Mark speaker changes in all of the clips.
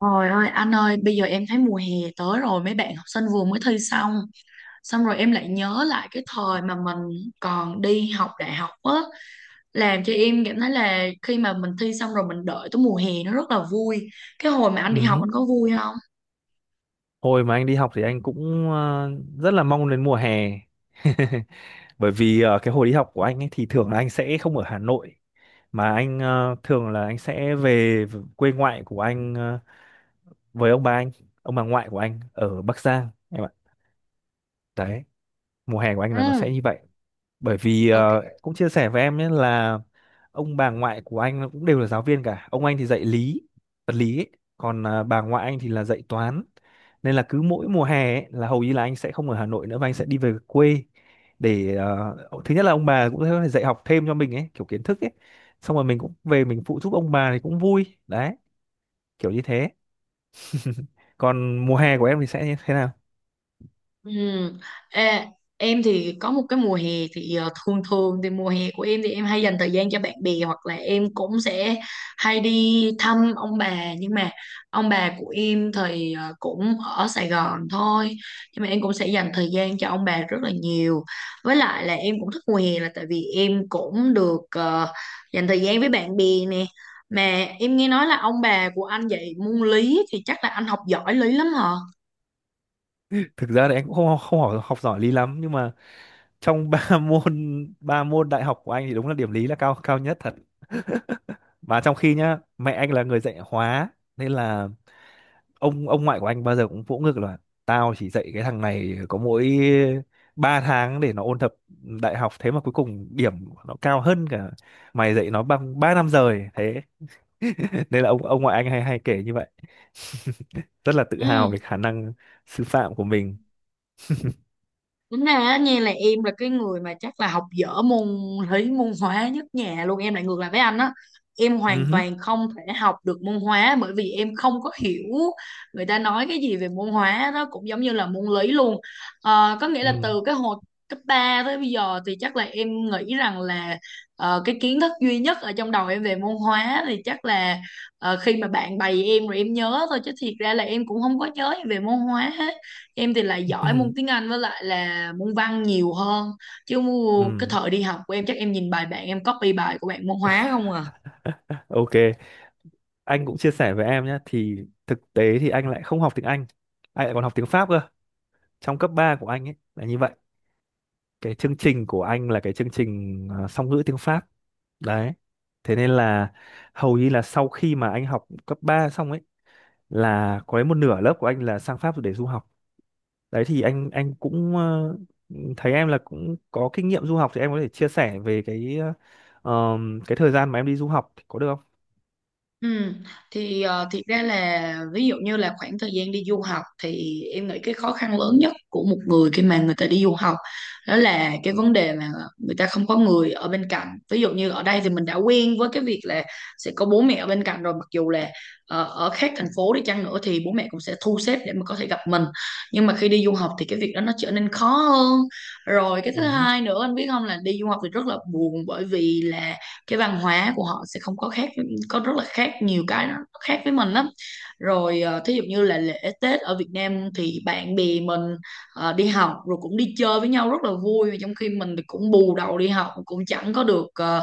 Speaker 1: Trời ơi anh ơi, bây giờ em thấy mùa hè tới rồi, mấy bạn học sinh vừa mới thi xong. Rồi em lại nhớ lại cái thời mà mình còn đi học đại học á, làm cho em cảm thấy là khi mà mình thi xong rồi mình đợi tới mùa hè nó rất là vui. Cái hồi mà anh đi học
Speaker 2: Ừ.
Speaker 1: anh có vui không?
Speaker 2: Hồi mà anh đi học thì anh cũng rất là mong đến mùa hè. Bởi vì cái hồi đi học của anh ấy thì thường là anh sẽ không ở Hà Nội, mà anh thường là anh sẽ về quê ngoại của anh, với ông bà anh, ông bà ngoại của anh ở Bắc Giang em ạ. Đấy, mùa hè của anh là nó sẽ
Speaker 1: Ừ,
Speaker 2: như vậy. Bởi vì
Speaker 1: ok.
Speaker 2: cũng chia sẻ với em nhé là ông bà ngoại của anh cũng đều là giáo viên cả, ông anh thì dạy lý, vật lý ấy. Còn bà ngoại anh thì là dạy toán, nên là cứ mỗi mùa hè ấy, là hầu như là anh sẽ không ở Hà Nội nữa và anh sẽ đi về quê để thứ nhất là ông bà cũng có thể dạy học thêm cho mình ấy, kiểu kiến thức ấy, xong rồi mình cũng về mình phụ giúp ông bà thì cũng vui đấy, kiểu như thế. Còn mùa hè của em thì sẽ như thế nào?
Speaker 1: Ừ. Ê, em thì có một cái mùa hè thì thường thường thì mùa hè của em thì em hay dành thời gian cho bạn bè, hoặc là em cũng sẽ hay đi thăm ông bà, nhưng mà ông bà của em thì cũng ở Sài Gòn thôi, nhưng mà em cũng sẽ dành thời gian cho ông bà rất là nhiều. Với lại là em cũng thích mùa hè là tại vì em cũng được dành thời gian với bạn bè nè. Mà em nghe nói là ông bà của anh dạy môn lý thì chắc là anh học giỏi lý lắm hả?
Speaker 2: Thực ra thì em cũng không không học giỏi lý lắm, nhưng mà trong ba môn ba môn đại học của anh thì đúng là điểm lý là cao cao nhất thật. Mà trong khi nhá, mẹ anh là người dạy hóa, nên là ông ngoại của anh bao giờ cũng vỗ ngực là tao chỉ dạy cái thằng này có mỗi 3 tháng để nó ôn tập đại học, thế mà cuối cùng điểm của nó cao hơn cả mày dạy nó bằng 3 năm rời thế. Nên là ông ngoại anh hay hay kể như vậy. Rất là tự
Speaker 1: Ừ.
Speaker 2: hào về khả năng sư phạm của mình.
Speaker 1: Tính ra á nha là em là cái người mà chắc là học dở môn lý, môn hóa nhất nhà luôn, em lại ngược lại với anh á. Em
Speaker 2: Ừ
Speaker 1: hoàn
Speaker 2: hứ,
Speaker 1: toàn không thể học được môn hóa bởi vì em không có hiểu người ta nói cái gì về môn hóa đó, cũng giống như là môn lý luôn. Ờ, có nghĩa là
Speaker 2: ừ,
Speaker 1: từ cái hồi cấp 3 tới bây giờ thì chắc là em nghĩ rằng là cái kiến thức duy nhất ở trong đầu em về môn hóa thì chắc là khi mà bạn bày em rồi em nhớ thôi, chứ thiệt ra là em cũng không có nhớ gì về môn hóa hết. Em thì lại giỏi môn
Speaker 2: ừ,
Speaker 1: tiếng Anh với lại là môn văn nhiều hơn, chứ cái
Speaker 2: ừ.
Speaker 1: thời đi học của em chắc em nhìn bài bạn, em copy bài của bạn môn hóa không à.
Speaker 2: OK, anh cũng chia sẻ với em nhé. Thì thực tế thì anh lại không học tiếng Anh lại còn học tiếng Pháp cơ. Trong cấp 3 của anh ấy là như vậy, cái chương trình của anh là cái chương trình song ngữ tiếng Pháp. Đấy, thế nên là hầu như là sau khi mà anh học cấp 3 xong ấy là có đến một nửa lớp của anh là sang Pháp để du học. Đấy, thì anh cũng thấy em là cũng có kinh nghiệm du học, thì em có thể chia sẻ về cái thời gian mà em đi du học có được không?
Speaker 1: Ừ, thì thiệt ra là ví dụ như là khoảng thời gian đi du học, thì em nghĩ cái khó khăn lớn nhất của một người khi mà người ta đi du học đó là cái vấn đề mà người ta không có người ở bên cạnh. Ví dụ như ở đây thì mình đã quen với cái việc là sẽ có bố mẹ ở bên cạnh rồi, mặc dù là ở khác thành phố đi chăng nữa thì bố mẹ cũng sẽ thu xếp để mà có thể gặp mình, nhưng mà khi đi du học thì cái việc đó nó trở nên khó hơn. Rồi cái thứ
Speaker 2: Ừ,
Speaker 1: hai nữa anh biết không, là đi du học thì rất là buồn bởi vì là cái văn hóa của họ sẽ không có khác có rất là khác, nhiều cái nó khác với mình lắm. Rồi ờ, thí dụ như là lễ Tết ở Việt Nam thì bạn bè mình đi học rồi cũng đi chơi với nhau rất là vui, trong khi mình thì cũng bù đầu đi học, cũng chẳng có được ờ,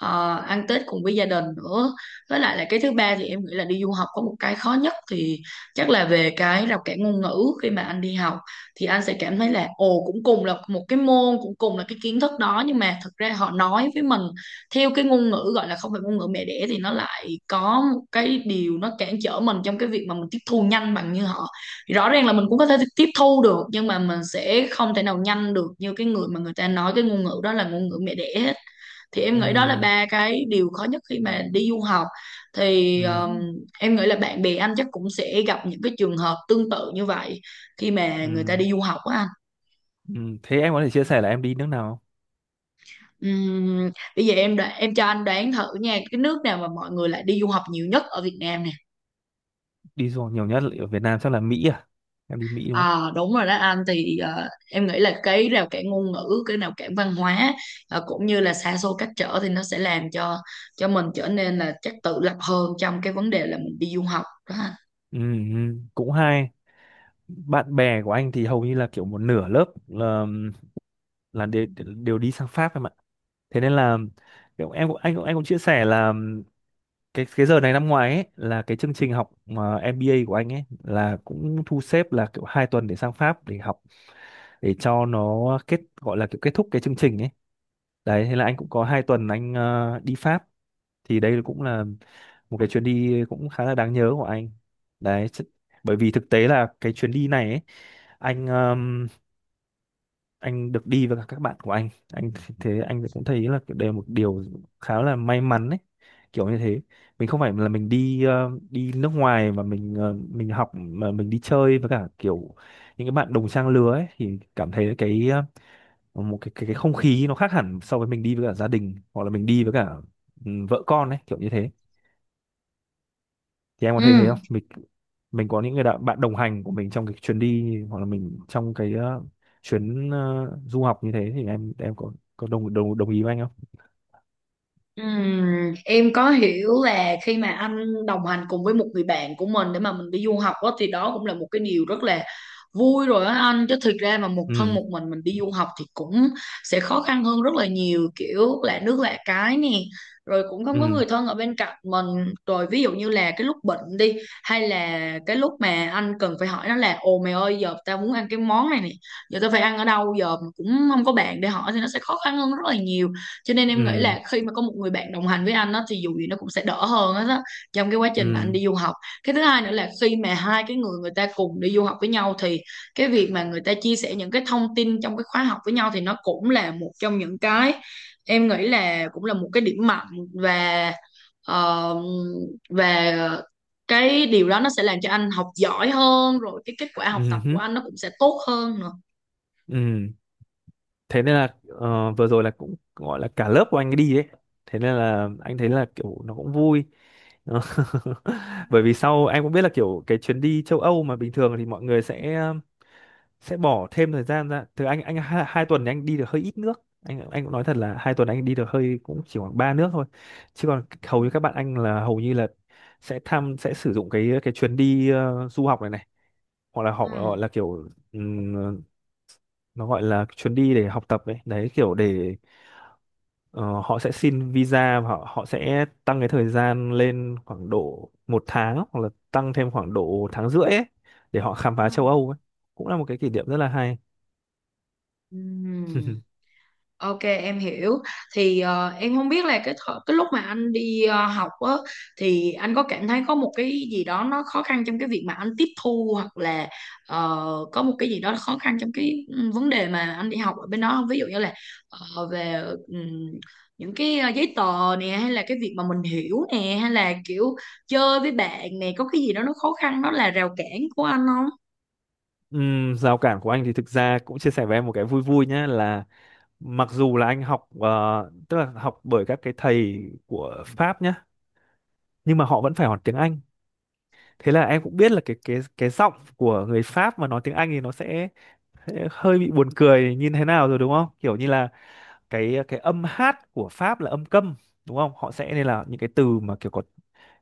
Speaker 1: ờ, ăn Tết cùng với gia đình nữa. Với lại là cái thứ ba thì em nghĩ là đi du học có một cái khó nhất thì chắc là về cái rào cản ngôn ngữ. Khi mà anh đi học thì anh sẽ cảm thấy là ồ, cũng cùng là một cái môn, cũng cùng là cái kiến thức đó, nhưng mà thực ra họ nói với mình theo cái ngôn ngữ gọi là không phải ngôn ngữ mẹ đẻ, thì nó lại có một cái điều nó cản trở mình trong cái việc mà mình tiếp thu nhanh bằng như họ. Thì rõ ràng là mình cũng có thể tiếp thu được, nhưng mà mình sẽ không thể nào nhanh được như cái người mà người ta nói cái ngôn ngữ đó là ngôn ngữ mẹ đẻ hết. Thì em nghĩ đó là
Speaker 2: ừ,
Speaker 1: ba cái điều khó nhất khi mà đi du học. Thì
Speaker 2: ừ,
Speaker 1: em nghĩ là bạn bè anh chắc cũng sẽ gặp những cái trường hợp tương tự như vậy khi mà
Speaker 2: ừ.
Speaker 1: người ta đi du học á anh.
Speaker 2: Ừ, thế em có thể chia sẻ là em đi nước nào không?
Speaker 1: Ừm, Bây giờ em đoán, em cho anh đoán thử nha, cái nước nào mà mọi người lại đi du học nhiều nhất ở Việt Nam nè.
Speaker 2: Đi du học nhiều nhất ở Việt Nam chắc là Mỹ à? Em đi Mỹ đúng không?
Speaker 1: À, đúng rồi đó anh. Thì ờ, em nghĩ là cái rào cản ngôn ngữ, cái rào cản văn hóa, ờ, cũng như là xa xôi cách trở, thì nó sẽ làm cho mình trở nên là chắc tự lập hơn trong cái vấn đề là mình đi du học đó anh.
Speaker 2: Ừ, ừ, cũng hay. Bạn bè của anh thì hầu như là kiểu một nửa lớp là đều đi sang Pháp em ạ. Thế nên là kiểu em cũng anh cũng anh cũng chia sẻ là cái giờ này năm ngoái ấy, là cái chương trình học mà MBA của anh ấy là cũng thu xếp là kiểu 2 tuần để sang Pháp để học, để cho nó kết, gọi là kiểu kết thúc cái chương trình ấy. Đấy, thế là anh cũng có 2 tuần anh đi Pháp, thì đây cũng là một cái chuyến đi cũng khá là đáng nhớ của anh đấy Bởi vì thực tế là cái chuyến đi này ấy, anh um, anh được đi với cả các bạn của anh. Thế anh cũng thấy là đây là một điều khá là may mắn ấy, kiểu như thế. Mình không phải là mình đi nước ngoài mà mình học, mà mình đi chơi với cả kiểu những cái bạn đồng trang lứa ấy, thì cảm thấy cái một cái không khí nó khác hẳn so với mình đi với cả gia đình hoặc là mình đi với cả, ừ, vợ con ấy, kiểu như thế. Thì em có thấy thế
Speaker 1: Ừ.
Speaker 2: không mình có những người bạn đồng hành của mình trong cái chuyến đi, hoặc là mình trong cái chuyến du học như thế, thì em có đồng đồng đồng ý với anh không?
Speaker 1: Em có hiểu là khi mà anh đồng hành cùng với một người bạn của mình để mà mình đi du học đó, thì đó cũng là một cái điều rất là vui rồi á anh. Chứ thực ra mà một thân
Speaker 2: Ừ,
Speaker 1: một mình đi du học thì cũng sẽ khó khăn hơn rất là nhiều, kiểu lạ nước lạ cái nè, rồi cũng không có người
Speaker 2: ừ,
Speaker 1: thân ở bên cạnh mình, rồi ví dụ như là cái lúc bệnh đi, hay là cái lúc mà anh cần phải hỏi nó là ồ mày ơi, giờ tao muốn ăn cái món này nè, giờ tao phải ăn ở đâu giờ, mà cũng không có bạn để hỏi thì nó sẽ khó khăn hơn rất là nhiều. Cho nên em nghĩ
Speaker 2: ừ,
Speaker 1: là khi mà có một người bạn đồng hành với anh á, thì dù gì nó cũng sẽ đỡ hơn hết á, trong cái quá trình mà anh
Speaker 2: ừ,
Speaker 1: đi du học. Cái thứ hai nữa là khi mà hai cái người, người ta cùng đi du học với nhau, thì cái việc mà người ta chia sẻ những cái thông tin trong cái khóa học với nhau, thì nó cũng là một trong những cái em nghĩ là cũng là một cái điểm mạnh. Và ờ, và cái điều đó nó sẽ làm cho anh học giỏi hơn, rồi cái kết quả học
Speaker 2: ừ
Speaker 1: tập của
Speaker 2: hứ,
Speaker 1: anh nó cũng sẽ tốt hơn nữa.
Speaker 2: ừ. Thế nên là vừa rồi là cũng gọi là cả lớp của anh đi đấy, thế nên là anh thấy là kiểu nó cũng vui. Bởi vì sau em cũng biết là kiểu cái chuyến đi châu Âu mà bình thường thì mọi người sẽ bỏ thêm thời gian ra. Từ anh hai tuần thì anh đi được hơi ít nước. Anh cũng nói thật là 2 tuần anh đi được hơi cũng chỉ khoảng ba nước thôi, chứ còn hầu như các bạn anh là hầu như là sẽ tham, sẽ sử dụng cái chuyến đi du học này này hoặc là họ
Speaker 1: Ừ.
Speaker 2: gọi là kiểu nó gọi là chuyến đi để học tập ấy đấy, kiểu để ờ, họ sẽ xin visa, và họ họ sẽ tăng cái thời gian lên khoảng độ 1 tháng hoặc là tăng thêm khoảng độ tháng rưỡi ấy để họ khám
Speaker 1: Ừ.
Speaker 2: phá châu Âu ấy, cũng là một cái kỷ niệm rất là hay.
Speaker 1: Ừ. Ok em hiểu. Thì ờ, em không biết là cái lúc mà anh đi học á, thì anh có cảm thấy có một cái gì đó nó khó khăn trong cái việc mà anh tiếp thu, hoặc là ờ, có một cái gì đó khó khăn trong cái vấn đề mà anh đi học ở bên đó không? Ví dụ như là về những cái giấy tờ nè, hay là cái việc mà mình hiểu nè, hay là kiểu chơi với bạn nè, có cái gì đó nó khó khăn nó là rào cản của anh không?
Speaker 2: Rào cản của anh thì thực ra cũng chia sẻ với em một cái vui vui nhé. Là mặc dù là anh học tức là học bởi các cái thầy của Pháp nhé, nhưng mà họ vẫn phải học tiếng Anh. Thế là em cũng biết là cái giọng của người Pháp mà nói tiếng Anh thì nó sẽ hơi bị buồn cười như thế nào rồi đúng không, kiểu như là cái âm hát của Pháp là âm câm đúng không. Họ sẽ, nên là những cái từ mà kiểu có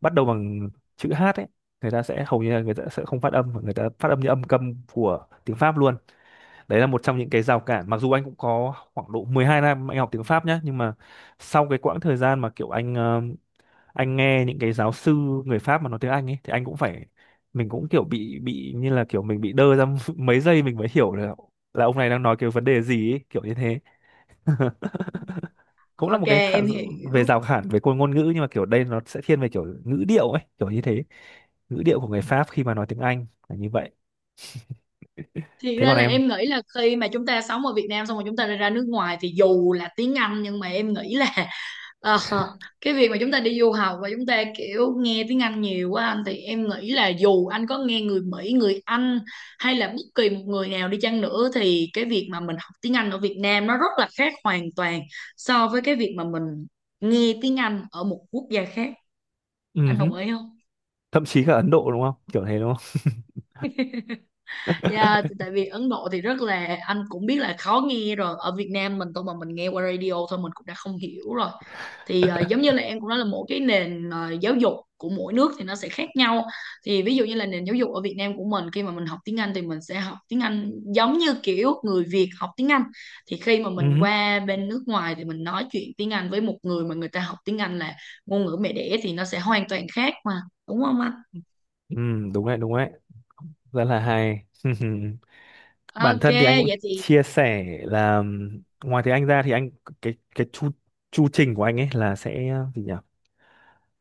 Speaker 2: bắt đầu bằng chữ hát ấy, người ta sẽ hầu như là người ta sẽ không phát âm mà người ta phát âm như âm câm của tiếng Pháp luôn. Đấy là một trong những cái rào cản, mặc dù anh cũng có khoảng độ 12 năm anh học tiếng Pháp nhé, nhưng mà sau cái quãng thời gian mà kiểu anh nghe những cái giáo sư người Pháp mà nói tiếng Anh ấy thì anh cũng phải, mình cũng kiểu bị như là kiểu mình bị đơ ra mấy giây mình mới hiểu là ông này đang nói cái vấn đề gì ấy, kiểu như thế. Cũng là
Speaker 1: Ok em
Speaker 2: về
Speaker 1: hiểu.
Speaker 2: rào cản về ngôn ngôn ngữ, nhưng mà kiểu đây nó sẽ thiên về kiểu ngữ điệu ấy, kiểu như thế. Ngữ điệu của người Pháp khi mà nói tiếng Anh là như vậy.
Speaker 1: Thì
Speaker 2: Thế
Speaker 1: ra
Speaker 2: còn
Speaker 1: là
Speaker 2: em?
Speaker 1: em nghĩ là khi mà chúng ta sống ở Việt Nam xong rồi chúng ta lại ra nước ngoài thì dù là tiếng Anh, nhưng mà em nghĩ là ờ, cái việc mà chúng ta đi du học và chúng ta kiểu nghe tiếng Anh nhiều quá anh, thì em nghĩ là dù anh có nghe người Mỹ, người Anh hay là bất kỳ một người nào đi chăng nữa, thì cái việc mà mình học tiếng Anh ở Việt Nam nó rất là khác hoàn toàn so với cái việc mà mình nghe tiếng Anh ở một quốc gia khác.
Speaker 2: Ừ
Speaker 1: Anh
Speaker 2: hứ.
Speaker 1: đồng ý không?
Speaker 2: Thậm chí cả Ấn Độ đúng không, kiểu thế đúng không?
Speaker 1: Yeah, tại vì Ấn Độ thì rất là, anh cũng biết là khó nghe rồi, ở Việt Nam mình tôi mà mình nghe qua radio thôi mình cũng đã không hiểu rồi. Thì ờ, giống như là em cũng nói là mỗi cái nền ờ, giáo dục của mỗi nước thì nó sẽ khác nhau. Thì ví dụ như là nền giáo dục ở Việt Nam của mình khi mà mình học tiếng Anh thì mình sẽ học tiếng Anh giống như kiểu người Việt học tiếng Anh, thì khi mà mình
Speaker 2: Ừ,
Speaker 1: qua bên nước ngoài thì mình nói chuyện tiếng Anh với một người mà người ta học tiếng Anh là ngôn ngữ mẹ đẻ thì nó sẽ hoàn toàn khác mà, đúng không anh?
Speaker 2: ừ, đúng đấy, rất là hay. Bản
Speaker 1: Ok
Speaker 2: thân thì anh cũng
Speaker 1: vậy thì
Speaker 2: chia sẻ là ngoài tiếng Anh ra thì anh, cái chu chu trình của anh ấy là sẽ gì nhỉ?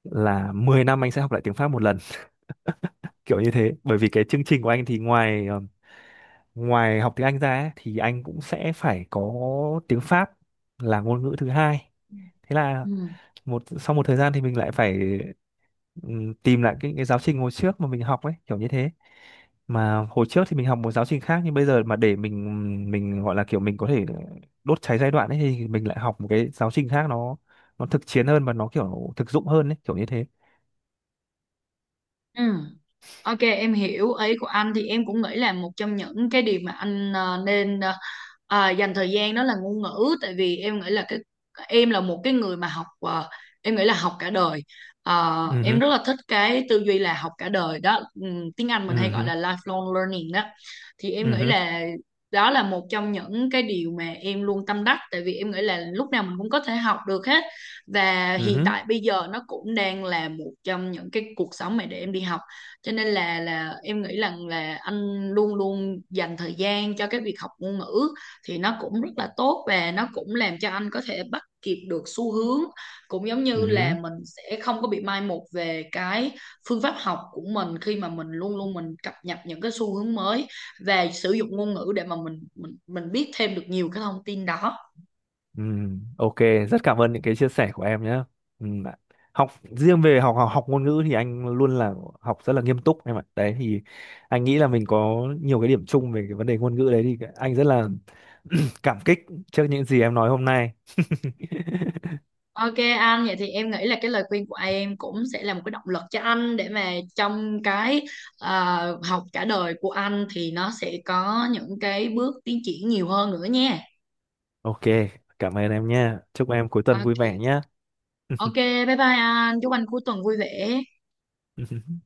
Speaker 2: Là 10 năm anh sẽ học lại tiếng Pháp một lần, kiểu như thế. Bởi vì cái chương trình của anh thì ngoài ngoài học tiếng Anh ra ấy, thì anh cũng sẽ phải có tiếng Pháp là ngôn ngữ thứ hai. Thế là
Speaker 1: ừ.
Speaker 2: sau một thời gian thì mình lại phải tìm lại cái giáo trình hồi trước mà mình học ấy, kiểu như thế. Mà hồi trước thì mình học một giáo trình khác, nhưng bây giờ mà để mình gọi là kiểu mình có thể đốt cháy giai đoạn ấy thì mình lại học một cái giáo trình khác, nó thực chiến hơn và nó kiểu thực dụng hơn ấy, kiểu như thế.
Speaker 1: Ừ. Ok em hiểu ý của anh. Thì em cũng nghĩ là một trong những cái điều mà anh nên à, dành thời gian đó là ngôn ngữ, tại vì em nghĩ là cái em là một cái người mà học em nghĩ là học cả đời. Ờ,
Speaker 2: Ừ
Speaker 1: em
Speaker 2: hứ,
Speaker 1: rất là thích cái tư duy là học cả đời đó. Tiếng Anh
Speaker 2: ừ
Speaker 1: mình hay gọi
Speaker 2: hứ,
Speaker 1: là lifelong learning đó. Thì em
Speaker 2: ừ
Speaker 1: nghĩ
Speaker 2: hứ,
Speaker 1: là đó là một trong những cái điều mà em luôn tâm đắc, tại vì em nghĩ là lúc nào mình cũng có thể học được hết, và
Speaker 2: ừ
Speaker 1: hiện
Speaker 2: hứ,
Speaker 1: tại bây giờ nó cũng đang là một trong những cái cuộc sống mà để em đi học. Cho nên là em nghĩ rằng là anh luôn luôn dành thời gian cho cái việc học ngôn ngữ, thì nó cũng rất là tốt và nó cũng làm cho anh có thể bắt kịp được xu hướng, cũng giống
Speaker 2: ừ
Speaker 1: như là
Speaker 2: hứ.
Speaker 1: mình sẽ không có bị mai một về cái phương pháp học của mình, khi mà mình luôn luôn mình cập nhật những cái xu hướng mới và sử dụng ngôn ngữ để mà mình biết thêm được nhiều cái thông tin đó.
Speaker 2: Ừ, OK, rất cảm ơn những cái chia sẻ của em nhé. Ừ, ạ. Học riêng về học, học học ngôn ngữ thì anh luôn là học rất là nghiêm túc em ạ. Đấy thì anh nghĩ là mình có nhiều cái điểm chung về cái vấn đề ngôn ngữ đấy, thì anh rất là cảm kích trước những gì em nói hôm nay.
Speaker 1: Ok anh, vậy thì em nghĩ là cái lời khuyên của em cũng sẽ là một cái động lực cho anh, để mà trong cái học cả đời của anh thì nó sẽ có những cái bước tiến triển nhiều hơn nữa nha.
Speaker 2: OK, cảm ơn em nha. Chúc em cuối tuần vui vẻ
Speaker 1: Ok,
Speaker 2: nhé.
Speaker 1: ok, bye bye anh, chúc anh cuối tuần vui vẻ.